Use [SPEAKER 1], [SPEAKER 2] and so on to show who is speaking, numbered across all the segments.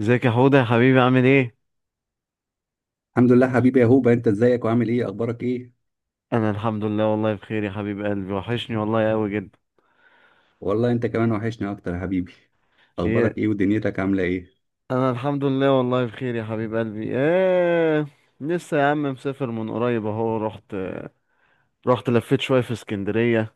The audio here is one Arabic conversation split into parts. [SPEAKER 1] ازيك يا حوده يا حبيبي، عامل ايه؟
[SPEAKER 2] الحمد لله حبيبي يا هوبا، انت ازيك وعامل ايه؟ اخبارك ايه؟
[SPEAKER 1] انا الحمد لله والله بخير يا حبيب قلبي، وحشني والله قوي جدا.
[SPEAKER 2] والله انت كمان وحشني اكتر يا حبيبي. اخبارك
[SPEAKER 1] ايه؟
[SPEAKER 2] ايه ودنيتك عامله ايه؟
[SPEAKER 1] انا الحمد لله والله بخير يا حبيب قلبي. ايه؟ لسه يا عم مسافر، من قريب اهو رحت رحت لفيت شويه في اسكندريه.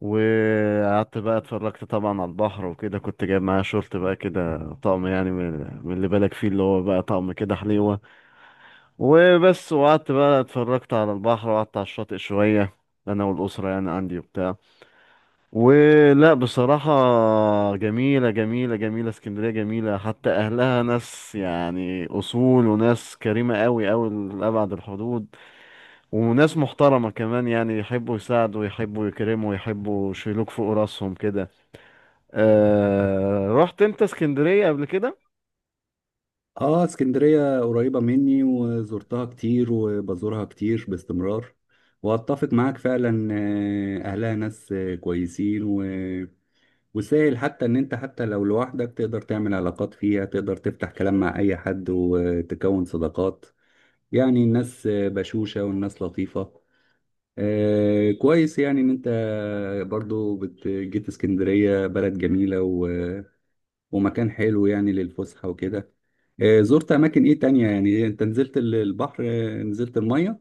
[SPEAKER 1] وقعدت بقى اتفرجت طبعا على البحر وكده، كنت جايب معايا شورت بقى كده طقم يعني من اللي بالك فيه اللي هو بقى طقم كده حليوه. وبس. وقعدت بقى اتفرجت على البحر وقعدت على الشاطئ شويه، انا والاسره يعني عندي وبتاع. ولا بصراحة، جميلة جميلة جميلة اسكندرية جميلة، حتى أهلها ناس يعني أصول وناس كريمة أوي أوي لأبعد الحدود. وناس محترمة كمان، يعني يحبوا يساعدوا يحبوا يكرموا يحبوا يشيلوك فوق راسهم كده. أه رحت أنت اسكندرية قبل كده؟
[SPEAKER 2] اه، اسكندريه قريبه مني وزرتها كتير وبزورها كتير باستمرار. واتفق معاك فعلا، اهلها ناس، كويسين، وسهل حتى ان انت حتى لو لوحدك تقدر تعمل علاقات فيها، تقدر تفتح كلام مع اي حد وتكون صداقات. يعني الناس بشوشة، والناس لطيفة. آه، كويس يعني ان انت برضو جيت اسكندرية بلد جميلة، ومكان حلو يعني للفسحة وكده. آه، زرت اماكن ايه تانية يعني؟ انت نزلت البحر؟ نزلت المية؟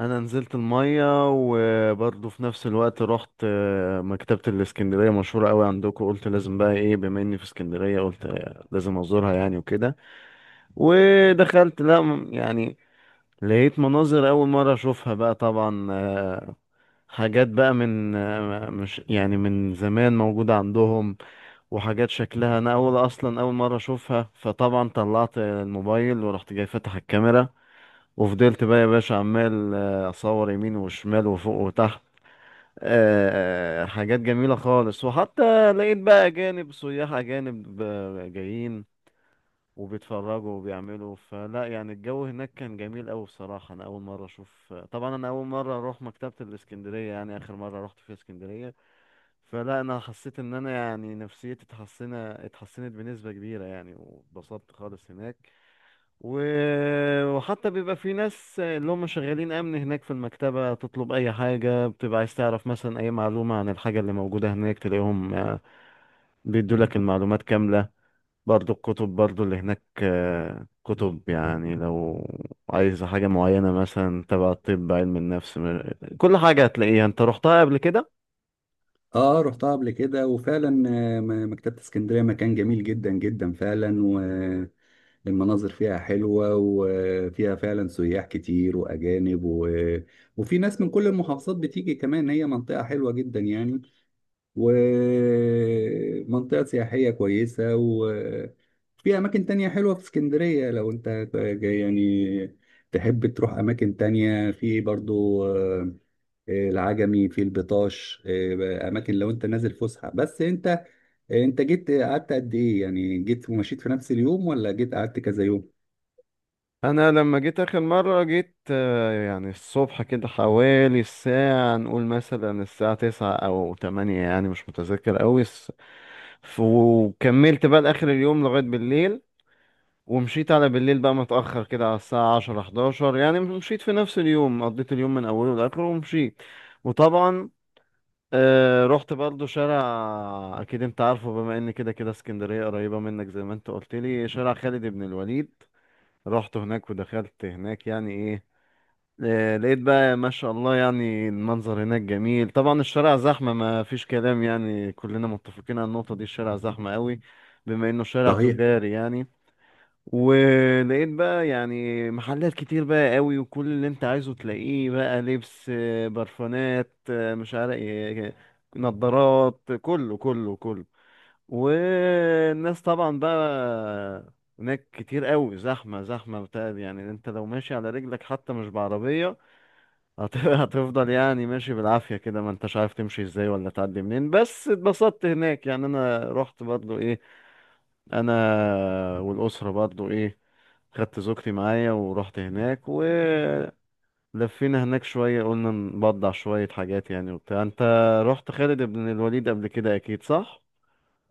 [SPEAKER 1] أنا نزلت المية. وبرضه في نفس الوقت رحت مكتبة الاسكندرية مشهورة أوي عندكم، قلت لازم بقى إيه بما إني في اسكندرية، قلت لازم أزورها يعني وكده. ودخلت لا يعني لقيت مناظر أول مرة أشوفها بقى طبعا. حاجات بقى من مش يعني من زمان موجودة عندهم. وحاجات شكلها أنا أول أصلا أول مرة أشوفها، فطبعا طلعت الموبايل ورحت جاي فاتح الكاميرا. وفضلت بقى يا باشا عمال أصور يمين وشمال وفوق وتحت. حاجات جميلة خالص، وحتى لقيت بقى أجانب سياح أجانب جايين وبيتفرجوا وبيعملوا فلا. يعني الجو هناك كان جميل أوي بصراحة، أنا أول مرة أشوف طبعا، أنا أول مرة أروح مكتبة الإسكندرية يعني، آخر مرة رحت فيها إسكندرية. فلا أنا حسيت إن أنا يعني نفسيتي اتحسنت اتحسنت بنسبة كبيرة يعني، واتبسطت خالص هناك. و... وحتى بيبقى في ناس اللي هم شغالين أمن هناك في المكتبة، تطلب أي حاجة، بتبقى عايز تعرف مثلا أي معلومة عن الحاجة اللي موجودة هناك، تلاقيهم بيدوا لك المعلومات كاملة. برضو الكتب برضو اللي هناك كتب يعني، لو عايز حاجة معينة مثلا تبع الطب علم النفس كل حاجة هتلاقيها. انت رحتها قبل كده؟
[SPEAKER 2] اه، رحتها قبل كده وفعلا. مكتبة اسكندرية مكان جميل جدا جدا فعلا. والمناظر فيها حلوة، وفيها فعلا سياح كتير واجانب، وفي ناس من كل المحافظات بتيجي كمان. هي منطقة حلوة جدا يعني، ومنطقة سياحية كويسة. وفي أماكن تانية حلوة في اسكندرية لو أنت جاي يعني، تحب تروح أماكن تانية. في برضو، العجمي، في البطاش، أماكن لو أنت نازل فسحة. بس أنت جيت قعدت قد إيه يعني؟ جيت ومشيت في نفس اليوم، ولا جيت قعدت كذا يوم؟
[SPEAKER 1] انا لما جيت اخر مرة جيت يعني الصبح كده حوالي الساعة، نقول مثلا الساعة 9 او 8، يعني مش متذكر اوي وكملت بقى لاخر اليوم لغاية بالليل. ومشيت على بالليل بقى، متأخر كده على الساعة 10 11، يعني مشيت في نفس اليوم، قضيت اليوم من أوله لآخره ومشيت. وطبعا أه رحت برضو شارع، اكيد انت عارفه بما ان كده كده اسكندريه قريبه منك زي ما انت قلت لي، شارع خالد بن الوليد. رحت هناك ودخلت هناك يعني ايه، أه لقيت بقى ما شاء الله، يعني المنظر هناك جميل طبعا. الشارع زحمه ما فيش كلام، يعني كلنا متفقين على النقطه دي، الشارع زحمه قوي بما انه شارع
[SPEAKER 2] صحيح.
[SPEAKER 1] تجاري يعني. ولقيت بقى يعني محلات كتير بقى قوي، وكل اللي انت عايزه تلاقيه بقى، لبس برفانات مش عارف ايه، نظارات، كله كله كله. والناس طبعا بقى هناك كتير قوي، زحمة زحمة بتاع يعني، انت لو ماشي على رجلك حتى مش بعربية، هتفضل يعني ماشي بالعافية كده، ما انتش عارف تمشي ازاي ولا تعدي منين. بس اتبسطت هناك يعني، انا رحت برضو ايه، انا والاسره برضو ايه، خدت زوجتي معايا ورحت هناك ولفينا هناك شويه، قلنا نبضع شويه حاجات يعني وبتاع. انت رحت خالد بن الوليد قبل كده اكيد صح؟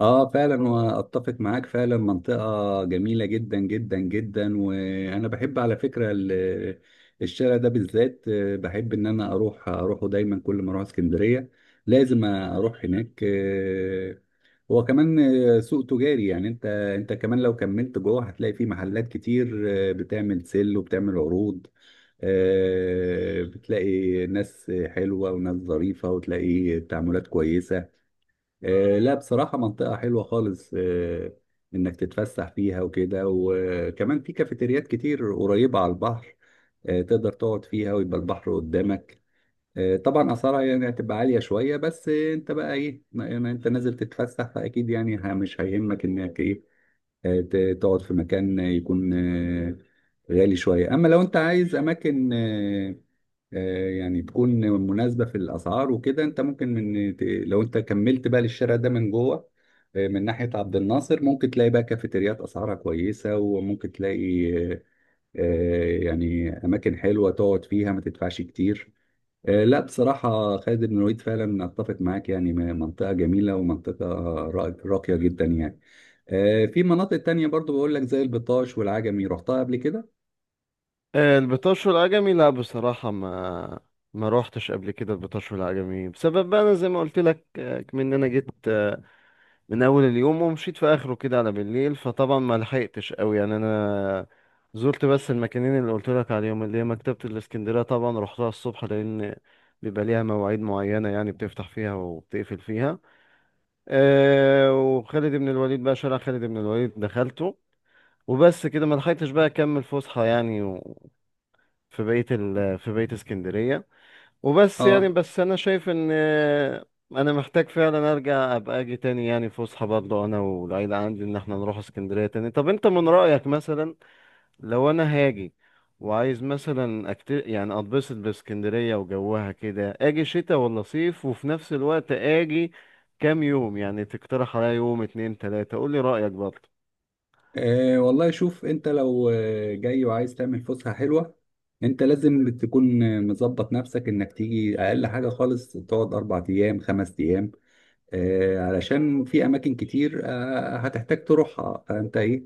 [SPEAKER 2] اه، فعلا واتفق معاك فعلا، منطقة جميلة جدا جدا جدا. وانا بحب على فكرة الشارع ده بالذات، بحب ان انا اروح اروحه دايما. كل ما اروح اسكندرية لازم اروح هناك. آه، هو كمان سوق تجاري يعني. انت كمان لو كملت جوه هتلاقي فيه محلات كتير، بتعمل سيل وبتعمل عروض. بتلاقي ناس حلوة وناس ظريفة، وتلاقي تعاملات كويسة. آه، لا بصراحة منطقة حلوة خالص، إنك تتفسح فيها وكده. وكمان في كافيتريات كتير قريبة على البحر، تقدر تقعد فيها ويبقى البحر قدامك. آه، طبعا أسعارها يعني هتبقى عالية شوية، بس أنت بقى إيه، ما أنت نازل تتفسح فأكيد يعني مش هيهمك إنك إيه، تقعد في مكان يكون غالي شوية. أما لو أنت عايز أماكن، يعني تكون مناسبة في الأسعار وكده، أنت ممكن من لو أنت كملت بقى للشارع ده من جوه، من ناحية عبد الناصر، ممكن تلاقي بقى كافيتريات أسعارها كويسة، وممكن تلاقي يعني أماكن حلوة تقعد فيها ما تدفعش كتير. آه، لا بصراحة خالد بن الوليد فعلا أتفق معاك، يعني منطقة جميلة، ومنطقة راقية جدا يعني. في مناطق تانية برضو بقول لك زي البطاش والعجمي. رحتها قبل كده؟
[SPEAKER 1] البطاش والعجمي لا بصراحه ما روحتش قبل كده البطاش والعجمي، بسبب بقى انا زي ما قلت لك من إن انا جيت من اول اليوم ومشيت في اخره كده على بالليل، فطبعا ما لحقتش قوي يعني، انا زرت بس المكانين اللي قلت لك عليهم، اللي هي مكتبة الاسكندرية طبعا، رحتها الصبح لان بيبقى ليها مواعيد معينة يعني بتفتح فيها وبتقفل فيها. أه وخالد بن الوليد بقى، شارع خالد بن الوليد دخلته وبس كده، ما لحقتش بقى اكمل فسحة يعني، في بقية في بقية اسكندرية. وبس يعني،
[SPEAKER 2] اه،
[SPEAKER 1] بس انا شايف ان انا محتاج فعلا ارجع ابقى اجي تاني، يعني فسحه برضه انا والعيله، عندي ان احنا نروح اسكندريه تاني. طب انت من رايك مثلا لو انا هاجي وعايز مثلا يعني اتبسط باسكندريه وجوها كده، اجي شتاء ولا صيف، وفي نفس الوقت اجي كام يوم يعني؟ تقترح عليا يوم 2 3، قول لي رايك برضه.
[SPEAKER 2] والله شوف، انت لو جاي وعايز تعمل فسحة حلوة، انت لازم تكون مظبط نفسك انك تيجي اقل حاجة خالص تقعد اربع ايام خمس ايام. علشان في اماكن كتير هتحتاج تروحها، فانت ايه،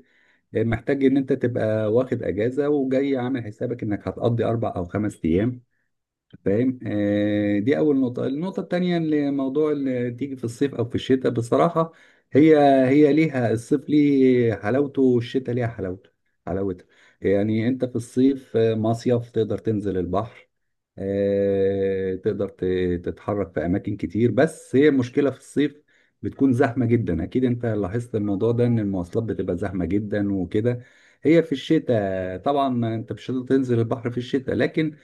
[SPEAKER 2] محتاج ان انت تبقى واخد اجازة وجاي عامل حسابك انك هتقضي اربع او خمس ايام، فاهم؟ آه، دي اول نقطه. النقطه التانية اللي موضوع اللي تيجي في الصيف او في الشتاء، بصراحه هي هي ليها، الصيف ليه حلاوته، والشتاء ليها حلاوتها. يعني انت في الصيف مصيف، تقدر تنزل البحر، تقدر تتحرك في اماكن كتير. بس هي المشكله في الصيف بتكون زحمه جدا، اكيد انت لاحظت الموضوع ده، ان المواصلات بتبقى زحمه جدا وكده. هي في الشتاء طبعا ما انت مش هتقدر تنزل البحر في الشتاء، لكن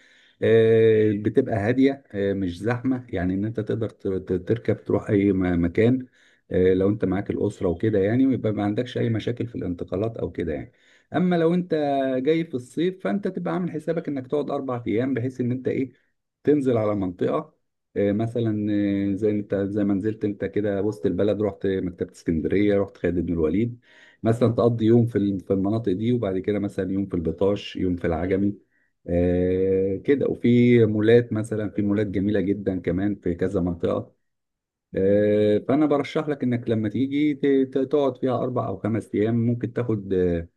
[SPEAKER 2] بتبقى هادية، مش زحمة. يعني إن أنت تقدر تركب تروح أي مكان، لو أنت معاك الأسرة وكده يعني، ويبقى ما عندكش أي مشاكل في الانتقالات أو كده يعني. أما لو أنت جاي في الصيف فأنت تبقى عامل حسابك إنك تقعد أربع أيام، بحيث إن أنت إيه، تنزل على منطقة، مثلا، زي ما نزلت انت كده وسط البلد، رحت مكتبة اسكندرية، رحت خالد بن الوليد. مثلا تقضي يوم في المناطق دي، وبعد كده مثلا يوم في البطاش، يوم في العجمي، كده. وفي مولات مثلا، في مولات جميلة جدا كمان في كذا منطقة. فأنا برشح لك إنك لما تيجي تقعد فيها أربع أو خمس أيام. ممكن تاخد آه،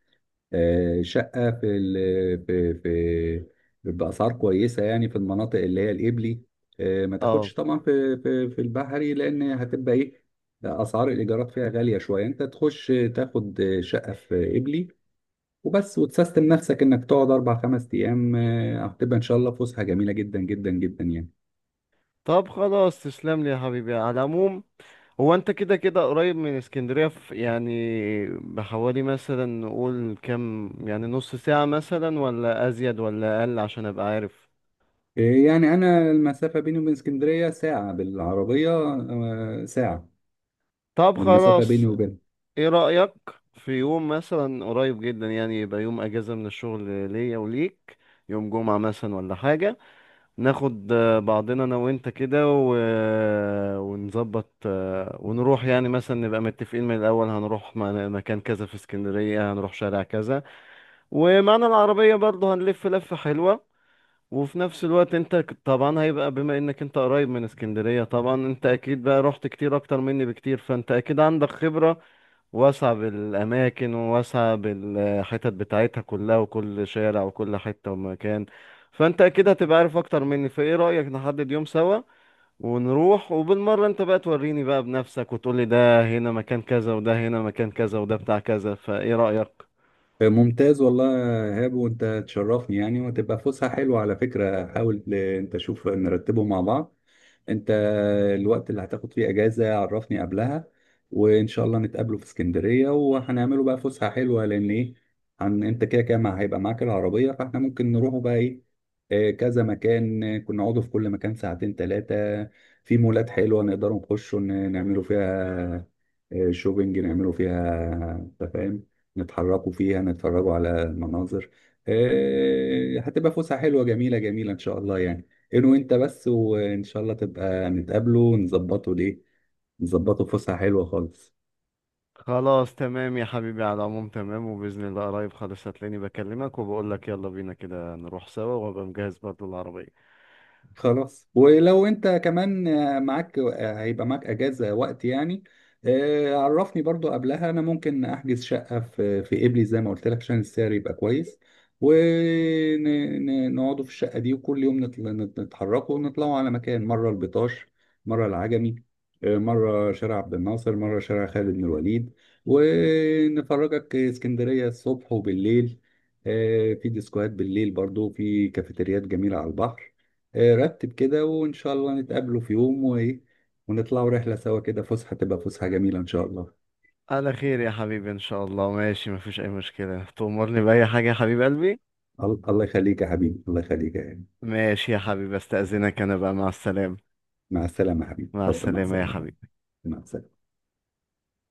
[SPEAKER 2] آه، شقة في بأسعار كويسة، يعني في المناطق اللي هي الإبلي. ما
[SPEAKER 1] اه.
[SPEAKER 2] تاخدش طبعا في في البحري، لأن هتبقى إيه، أسعار الإيجارات فيها غالية شوية. أنت تخش تاخد شقة في إبلي وبس، وتسيستم نفسك انك تقعد اربع خمس ايام. هتبقى ان شاء الله فسحه جميله جدا جدا جدا يعني.
[SPEAKER 1] طب خلاص، تسلم لي يا حبيبي على العموم. هو انت كده كده قريب من اسكندرية في يعني، بحوالي مثلا نقول كام، يعني نص ساعة مثلا ولا ازيد ولا اقل، عشان ابقى عارف.
[SPEAKER 2] آه، يعني انا المسافه بيني وبين اسكندريه ساعه بالعربيه، ساعه
[SPEAKER 1] طب
[SPEAKER 2] المسافه بيني
[SPEAKER 1] خلاص،
[SPEAKER 2] وبينها.
[SPEAKER 1] ايه رأيك في يوم مثلا قريب جدا، يعني يبقى يوم اجازة من الشغل ليا وليك، يوم جمعة مثلا ولا حاجة. ناخد بعضنا انا وانت كده، ونظبط ونروح، يعني مثلا نبقى متفقين من الاول، هنروح مكان كذا في اسكندرية، هنروح شارع كذا. ومعانا العربية برضه هنلف لفة حلوة. وفي نفس الوقت انت طبعا هيبقى بما انك انت قريب من اسكندرية، طبعا انت اكيد بقى رحت كتير اكتر مني بكتير، فانت اكيد عندك خبرة واسعة بالاماكن وواسعة بالحتت بتاعتها كلها، وكل شارع وكل حتة ومكان، فانت اكيد هتبقى عارف اكتر مني. فايه رأيك نحدد يوم سوا ونروح، وبالمرة انت بقى توريني بقى بنفسك وتقولي ده هنا مكان كذا وده هنا مكان كذا وده بتاع كذا. فايه رأيك؟
[SPEAKER 2] آه، ممتاز والله يا ايهاب، وانت تشرفني يعني، وتبقى فسحه حلوه على فكره. حاول انت شوف نرتبه مع بعض. انت الوقت اللي هتاخد فيه اجازة عرفني قبلها، وان شاء الله نتقابله في اسكندرية، وهنعمله بقى فسحة حلوة. لان ايه، انت كده كده هيبقى معاك العربية، فاحنا ممكن نروحوا بقى ايه، كذا مكان. كنا نقعدوا في كل مكان ساعتين ثلاثة. في مولات حلوة نقدروا نخشوا نعملوا فيها شوبينج، نعملوا فيها، انت فاهم، نتحركوا فيها، نتفرجوا على المناظر. هتبقى فسحة حلوة جميلة جميلة ان شاء الله يعني. انه انت بس، وان شاء الله تبقى نتقابله ونظبطه ليه، نظبطه فسحة حلوة خالص.
[SPEAKER 1] خلاص تمام يا حبيبي، على العموم تمام، وبإذن الله قريب خالص هتلاقيني بكلمك وبقول لك يلا بينا كده نروح سوا، وابقى مجهز برضه العربية.
[SPEAKER 2] خلاص، ولو انت كمان معاك هيبقى معاك اجازه وقت يعني، عرفني برضو قبلها. انا ممكن احجز شقه في قبلي زي ما قلت لك عشان السعر يبقى كويس، ونقعدوا في الشقه دي. وكل يوم نتحركوا ونطلعوا على مكان، مره البطاش، مره العجمي، مره شارع عبد الناصر، مره شارع خالد بن الوليد. ونفرجك اسكندريه الصبح وبالليل، في ديسكوهات بالليل، برضو في كافيتريات جميله على البحر. رتب كده، وإن شاء الله نتقابلوا في يوم، وإيه، ونطلعوا رحلة سوا كده. فسحة تبقى فسحة جميلة إن شاء الله.
[SPEAKER 1] على خير يا حبيبي ان شاء الله. ماشي، مفيش اي مشكلة. تأمرني بأي حاجة يا حبيب قلبي.
[SPEAKER 2] الله يخليك يا حبيبي، الله يخليك يا حبيبي.
[SPEAKER 1] ماشي يا حبيبي استأذنك، انا بقى، مع السلامة.
[SPEAKER 2] مع السلامة يا حبيبي،
[SPEAKER 1] مع
[SPEAKER 2] اتفضل، مع
[SPEAKER 1] السلامة يا
[SPEAKER 2] السلامة.
[SPEAKER 1] حبيبي.
[SPEAKER 2] مع السلامة.